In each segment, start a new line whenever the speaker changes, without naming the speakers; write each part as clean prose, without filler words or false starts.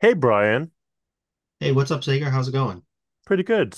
Hey Brian,
Hey, what's up, Sager? How's it going?
pretty good.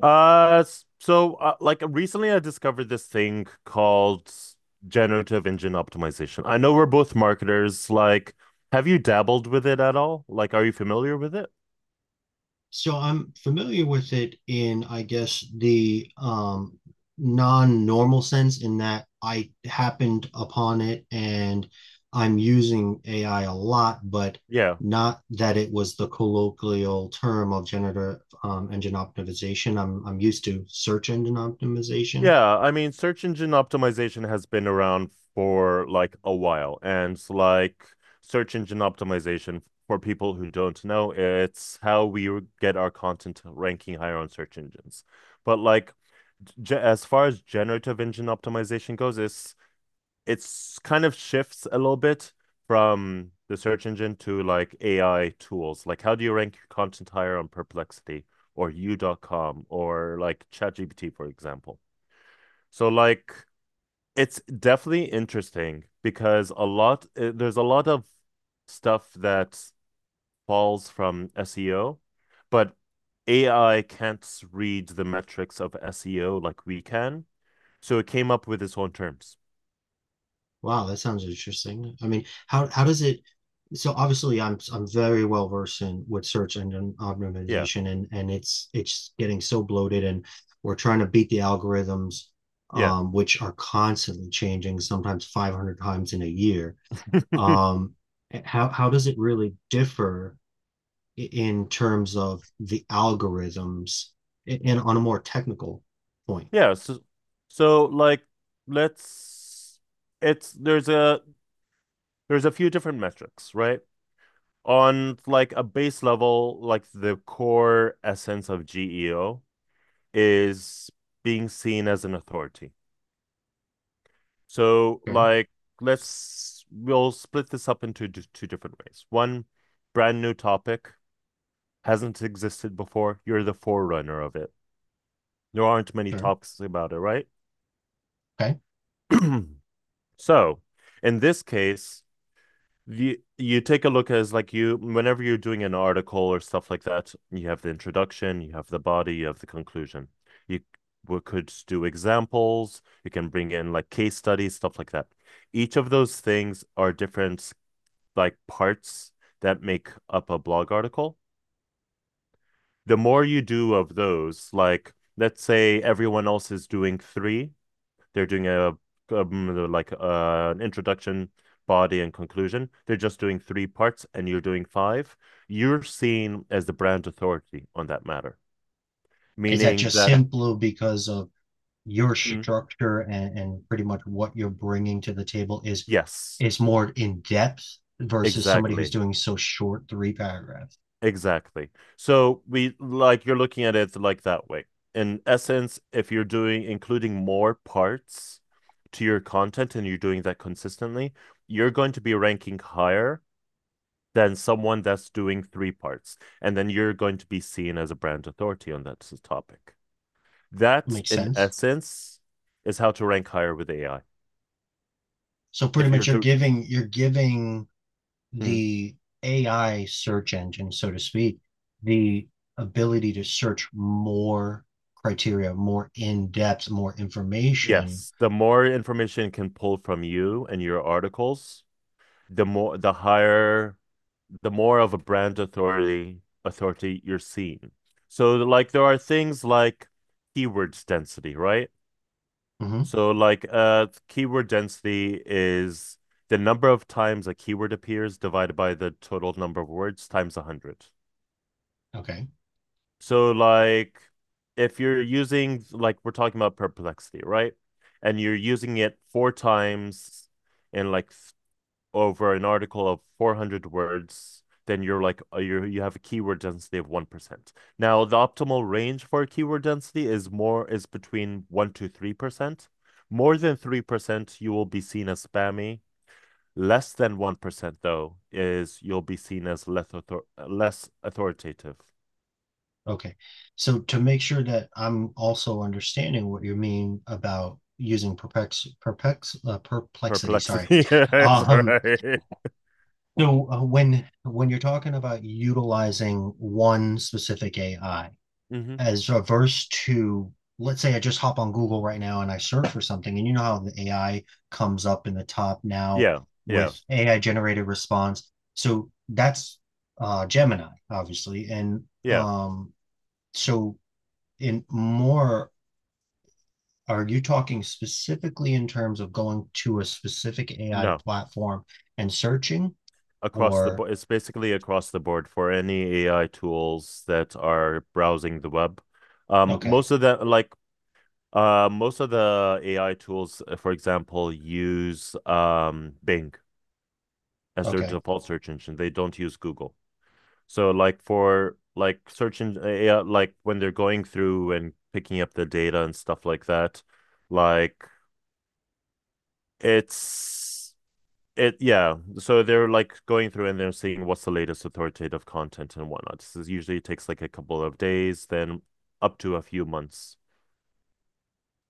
Like recently I discovered this thing called generative engine optimization. I know we're both marketers. Like, have you dabbled with it at all? Like, are you familiar with it?
So I'm familiar with it in, I guess, the non-normal sense in that I happened upon it and I'm using AI a lot, but
Yeah.
not that it was the colloquial term of generative engine optimization. I'm used to search engine optimization.
Yeah, I mean, search engine optimization has been around for like a while, and like search engine optimization for people who don't know, it's how we get our content ranking higher on search engines. But like as far as generative engine optimization goes, it's kind of shifts a little bit from the search engine to like AI tools. Like how do you rank your content higher on Perplexity or U.com or like ChatGPT, for example? So like it's definitely interesting because a lot there's a lot of stuff that falls from SEO, but AI can't read the metrics of SEO like we can. So it came up with its own terms.
Wow, that sounds interesting. I mean, how does it? So obviously, I'm very well versed in with search engine
Yeah.
optimization, and it's getting so bloated, and we're trying to beat the algorithms,
Yeah.
which are constantly changing, sometimes 500 times in a year. Um, how does it really differ in terms of the algorithms, and on a more technical point?
yeah. So so like let's it's there's a There's a few different metrics, right? On like a base level, like the core essence of GEO is being seen as an authority. So
Okay,
like let's we'll split this up into two different ways. One brand new topic hasn't existed before. You're the forerunner of it. There aren't many
sure.
topics about it, right?
Okay,
So, in this case, you take a look as like you whenever you're doing an article or stuff like that, you have the introduction, you have the body, you have the conclusion. You We could do examples, you can bring in like case studies, stuff like that. Each of those things are different like parts that make up a blog article. The more you do of those, like let's say everyone else is doing three, they're doing a, like an introduction, body, and conclusion. They're just doing three parts, and you're doing five. You're seen as the brand authority on that matter,
is that
meaning
just
that
simply because of your
mm,
structure and pretty much what you're bringing to the table
yes,
is more in depth versus somebody who's
exactly,
doing so short three paragraphs?
exactly. So we like you're looking at it like that way. In essence, if you're doing including more parts to your content and you're doing that consistently, you're going to be ranking higher than someone that's doing three parts. And then you're going to be seen as a brand authority on that topic. That,
Makes
in
sense.
essence, is how to rank higher with AI.
So pretty
If
much
you're
you're
to,
giving you're giving
Mm.
the AI search engine, so to speak, the ability to search more criteria, more in depth, more information.
Yes, the more information it can pull from you and your articles, the more, the higher, the more of a brand authority you're seen. So, like, there are things like keywords density, right?
Hmm.
So like keyword density is the number of times a keyword appears divided by the total number of words times 100.
Okay.
So like if you're using like we're talking about perplexity, right? And you're using it four times in like over an article of 400 words, then you're like you have a keyword density of 1%. Now, the optimal range for a keyword density is between 1 to 3%. More than 3%, you will be seen as spammy. Less than 1% though is you'll be seen as less authoritative.
Okay. So to make sure that I'm also understanding what you mean about using perplexity, sorry.
Perplexity is
Um,
right.
so when you're talking about utilizing one specific AI
Hmm.
as averse to, let's say, I just hop on Google right now and I search for something, and you know how the AI comes up in the top now
Yeah, yeah,
with AI generated response. So that's Gemini, obviously. And
yeah.
um so in more, are you talking specifically in terms of going to a specific AI
No.
platform and searching?
Across the
Or,
board. It's basically across the board for any AI tools that are browsing the web. Um,
okay,
most of the like Most of the AI tools, for example, use Bing as their
okay,
default search engine. They don't use Google. So like for like search engine, like when they're going through and picking up the data and stuff like that, like it's it yeah, so they're like going through and they're seeing what's the latest authoritative content and whatnot. This is usually takes like a couple of days then up to a few months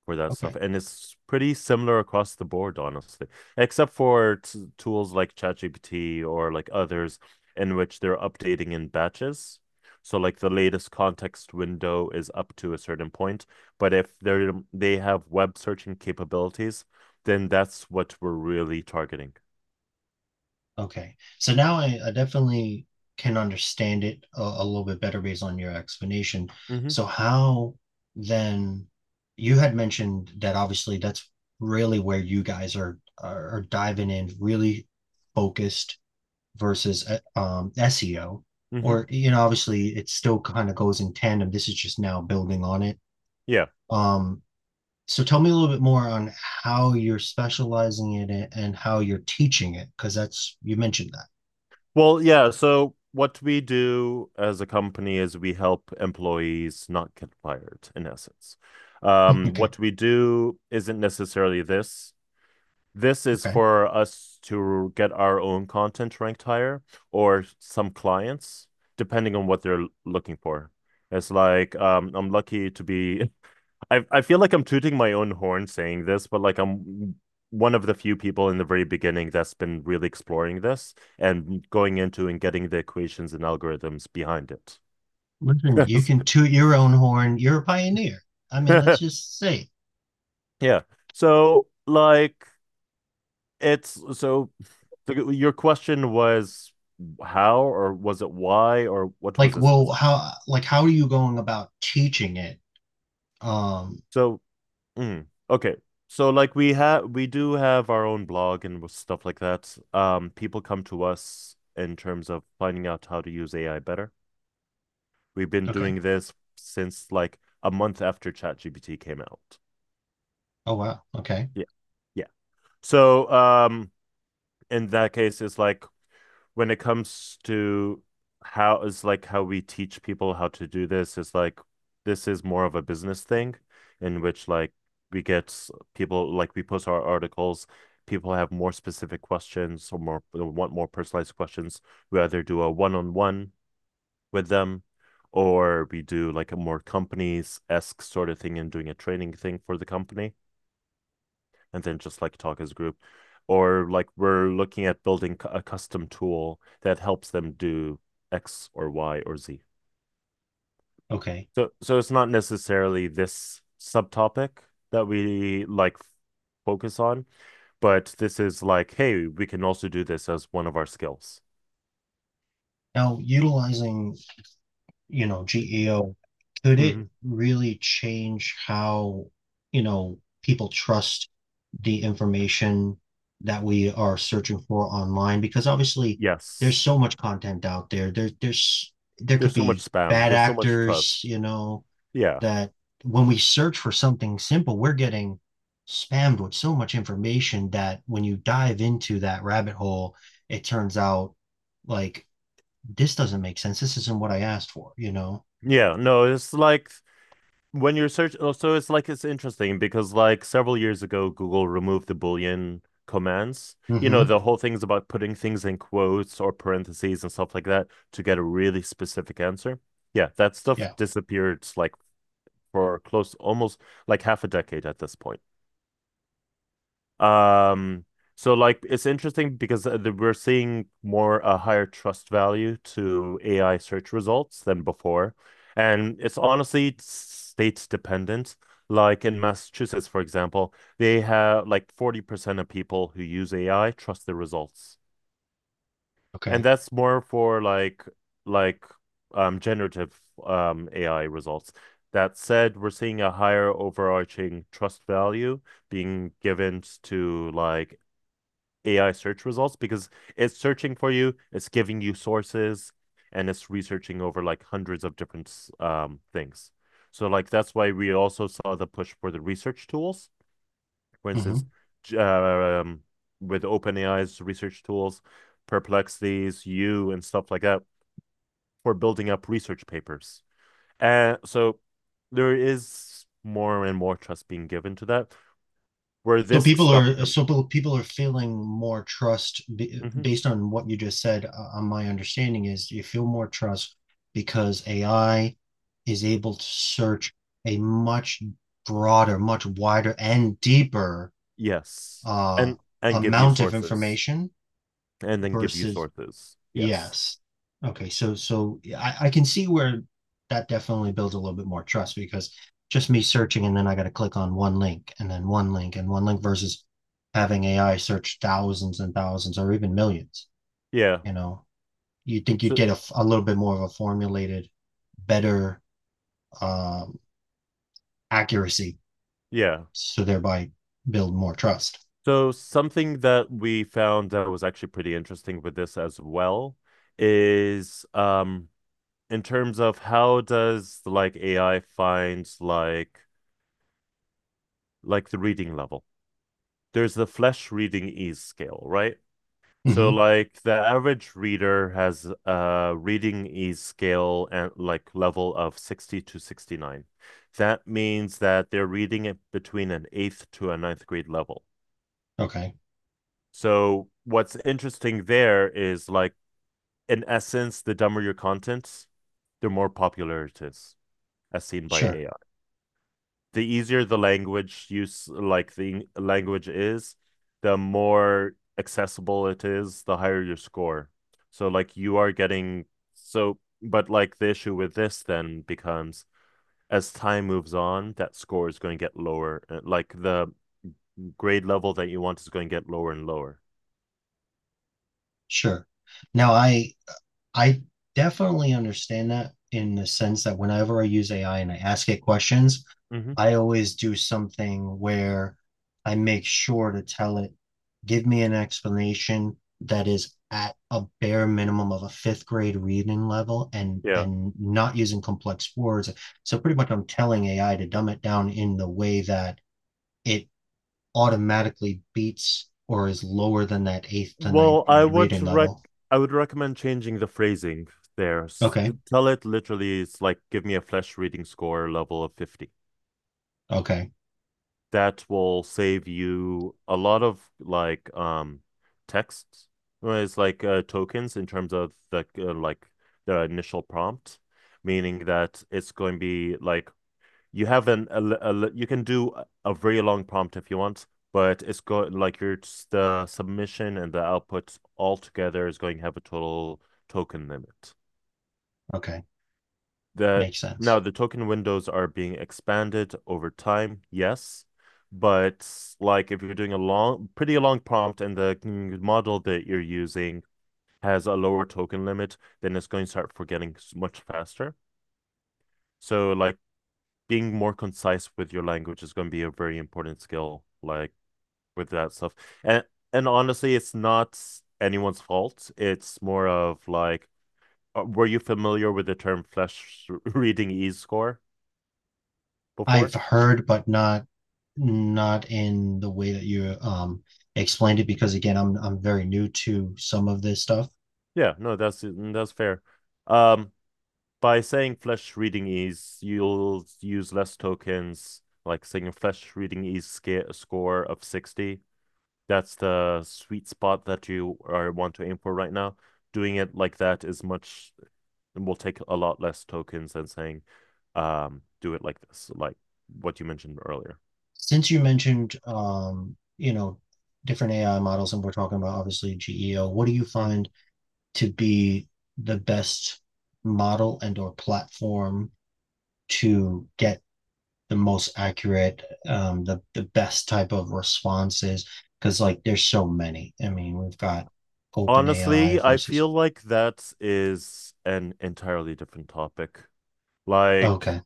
for that stuff,
okay,
and it's pretty similar across the board, honestly, except for tools like ChatGPT or like others in which they're updating in batches. So like the latest context window is up to a certain point, but if they have web searching capabilities, then that's what we're really targeting.
okay. So now I definitely can understand it a little bit better based on your explanation.
Hmm.
So how then, you had mentioned that obviously that's really where you guys are diving in, really focused versus SEO,
Hmm.
or you know, obviously it still kind of goes in tandem. This is just now building on it.
Yeah.
Um, so tell me a little bit more on how you're specializing in it and how you're teaching it, because that's you mentioned that.
Well, yeah. So what we do as a company is we help employees not get fired, in essence.
Okay,
What we do isn't necessarily this. This is
okay.
for us to get our own content ranked higher or some clients, depending on what they're looking for. It's like I'm lucky to be I feel like I'm tooting my own horn saying this, but like I'm one of the few people in the very beginning that's been really exploring this and going into and getting the equations and algorithms behind it.
Listen, you can toot your own horn. You're a pioneer. I mean, let's just say,
Yeah. So like it's so your question was how, or was it why, or what was
like,
this?
well, how, like, how are you going about teaching it? Um,
So mm, okay. So like we do have our own blog and stuff like that. People come to us in terms of finding out how to use AI better. We've been
okay.
doing this since like a month after ChatGPT came out.
Oh wow. Okay.
Yeah. Yeah. So um, in that case it's like when it comes to how is like how we teach people how to do this is like this is more of a business thing in which like we get people like we post our articles, people have more specific questions or more want more personalized questions. We either do a one-on-one with them, or we do like a more companies-esque sort of thing and doing a training thing for the company and then just like talk as a group, or like we're looking at building a custom tool that helps them do x or y or z.
Okay.
So it's not necessarily this subtopic that we like focus on, but this is like, hey, we can also do this as one of our skills.
Now, utilizing, you know, GEO, could it
Mhm.
really change how, you know, people trust the information that we are searching for online? Because obviously there's
Yes,
so much content out there. There there could be bad
there's so much
actors,
trust.
you know,
Yeah,
that when we search for something simple, we're getting spammed with so much information that when you dive into that rabbit hole, it turns out, like, this doesn't make sense. This isn't what I asked for, you know?
yeah, no, it's like when you're searching, oh, so it's like it's interesting because like several years ago Google removed the Boolean commands. You know,
Hmm.
the whole thing's about putting things in quotes or parentheses and stuff like that to get a really specific answer. Yeah, that stuff
Yeah.
disappeared like for close almost like half a decade at this point. Um, so like it's interesting because we're seeing more a higher trust value to AI search results than before, and it's honestly state dependent. Like in Massachusetts, for example, they have like 40% of people who use AI trust the results. And
Okay.
that's more for like like generative AI results. That said, we're seeing a higher overarching trust value being given to like AI search results because it's searching for you, it's giving you sources, and it's researching over like hundreds of different things. So like that's why we also saw the push for the research tools. For instance,
Hmm.
j- um, with OpenAI's research tools, Perplexity's you and stuff like that, for building up research papers. And so there is more and more trust being given to that, where
So
this
people
stuff
are
comes.
so people are feeling more trust
Mm-hmm.
based on what you just said. My understanding is you feel more trust because AI is able to search a much broader, much wider, and deeper
Yes.
uh,
And give you
amount of
sources.
information
And then give you
versus.
sources. Yes.
Yes. Okay, so so yeah, I can see where that definitely builds a little bit more trust because just me searching and then I got to click on one link and then one link and one link versus having AI search thousands and thousands or even millions,
Yeah.
you know. You'd think you'd
So
get a, a little bit more of a formulated, better um, accuracy,
yeah.
so thereby build more trust.
So something that we found that was actually pretty interesting with this as well is in terms of how does like AI find like the reading level. There's the flesh reading ease scale, right? So
Hmm.
like the average reader has a reading ease scale and like level of 60 to 69. That means that they're reading it between an eighth to a ninth grade level.
Okay,
So what's interesting there is like in essence, the dumber your content, the more popular it is, as seen by
sure,
AI. The easier the language is, the more accessible it is, the higher your score. So like you are getting but like the issue with this then becomes as time moves on, that score is going to get lower. Like the grade level that you want is going to get lower and lower.
sure. Now I definitely understand that in the sense that whenever I use AI and I ask it questions,
Hmm.
I always do something where I make sure to tell it, give me an explanation that is at a bare minimum of a fifth grade reading level and
Yeah.
not using complex words. So pretty much I'm telling AI to dumb it down in the way that it automatically beats or is lower than that eighth to ninth
Well,
grade reading level.
I would recommend changing the phrasing there.
Okay,
Tell it literally, it's like, give me a flesh reading score level of 50.
okay,
That will save you a lot of like texts, whereas like tokens in terms of the the initial prompt, meaning that it's going to be like you have an a, you can do a very long prompt if you want, but it's going like your the submission and the output all together is going to have a total token limit
okay.
that
Makes
now.
sense.
The token windows are being expanded over time, yes. But like if you're doing a pretty long prompt and the model that you're using has a lower token limit, then it's going to start forgetting much faster. So like being more concise with your language is going to be a very important skill, like with that stuff. And and honestly, it's not anyone's fault. It's more of like, were you familiar with the term flash reading E score
I've
before?
heard, but not not in the way that you explained it because again, I'm very new to some of this stuff.
Yeah, no, that's that's fair. Um, by saying flesh reading ease, you'll use less tokens, like saying a flesh reading ease score of 60. That's the sweet spot that you are want to aim for right now. Doing it like that is much will take a lot less tokens than saying do it like this, like what you mentioned earlier.
Since you mentioned you know, different AI models and we're talking about obviously GEO, what do you
Hmm.
find to be the best model and or platform to get the most accurate, the best type of responses? Because like there's so many. I mean, we've got
Honestly,
OpenAI
I feel
versus.
like that is an entirely different topic. Like
Okay.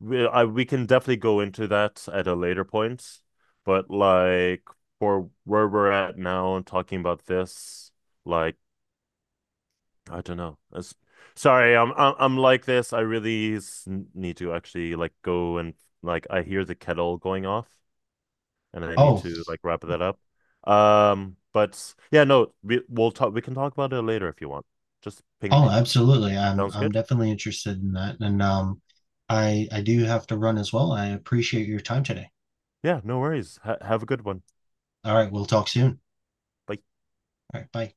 we can definitely go into that at a later point, but like for where we're at now and talking about this, like I don't know. Sorry, I'm like this. I really need to actually like go and I hear the kettle going off, and I need
Oh,
to like wrap that up. But yeah, no, we'll talk. We can talk about it later if you want. Just ping
oh,
me.
absolutely. I'm
Sounds
I'm
good.
definitely interested in that. And I do have to run as well. I appreciate your time today.
Yeah, no worries. Ha Have a good one.
All right, we'll talk soon.
Bye.
All right, bye.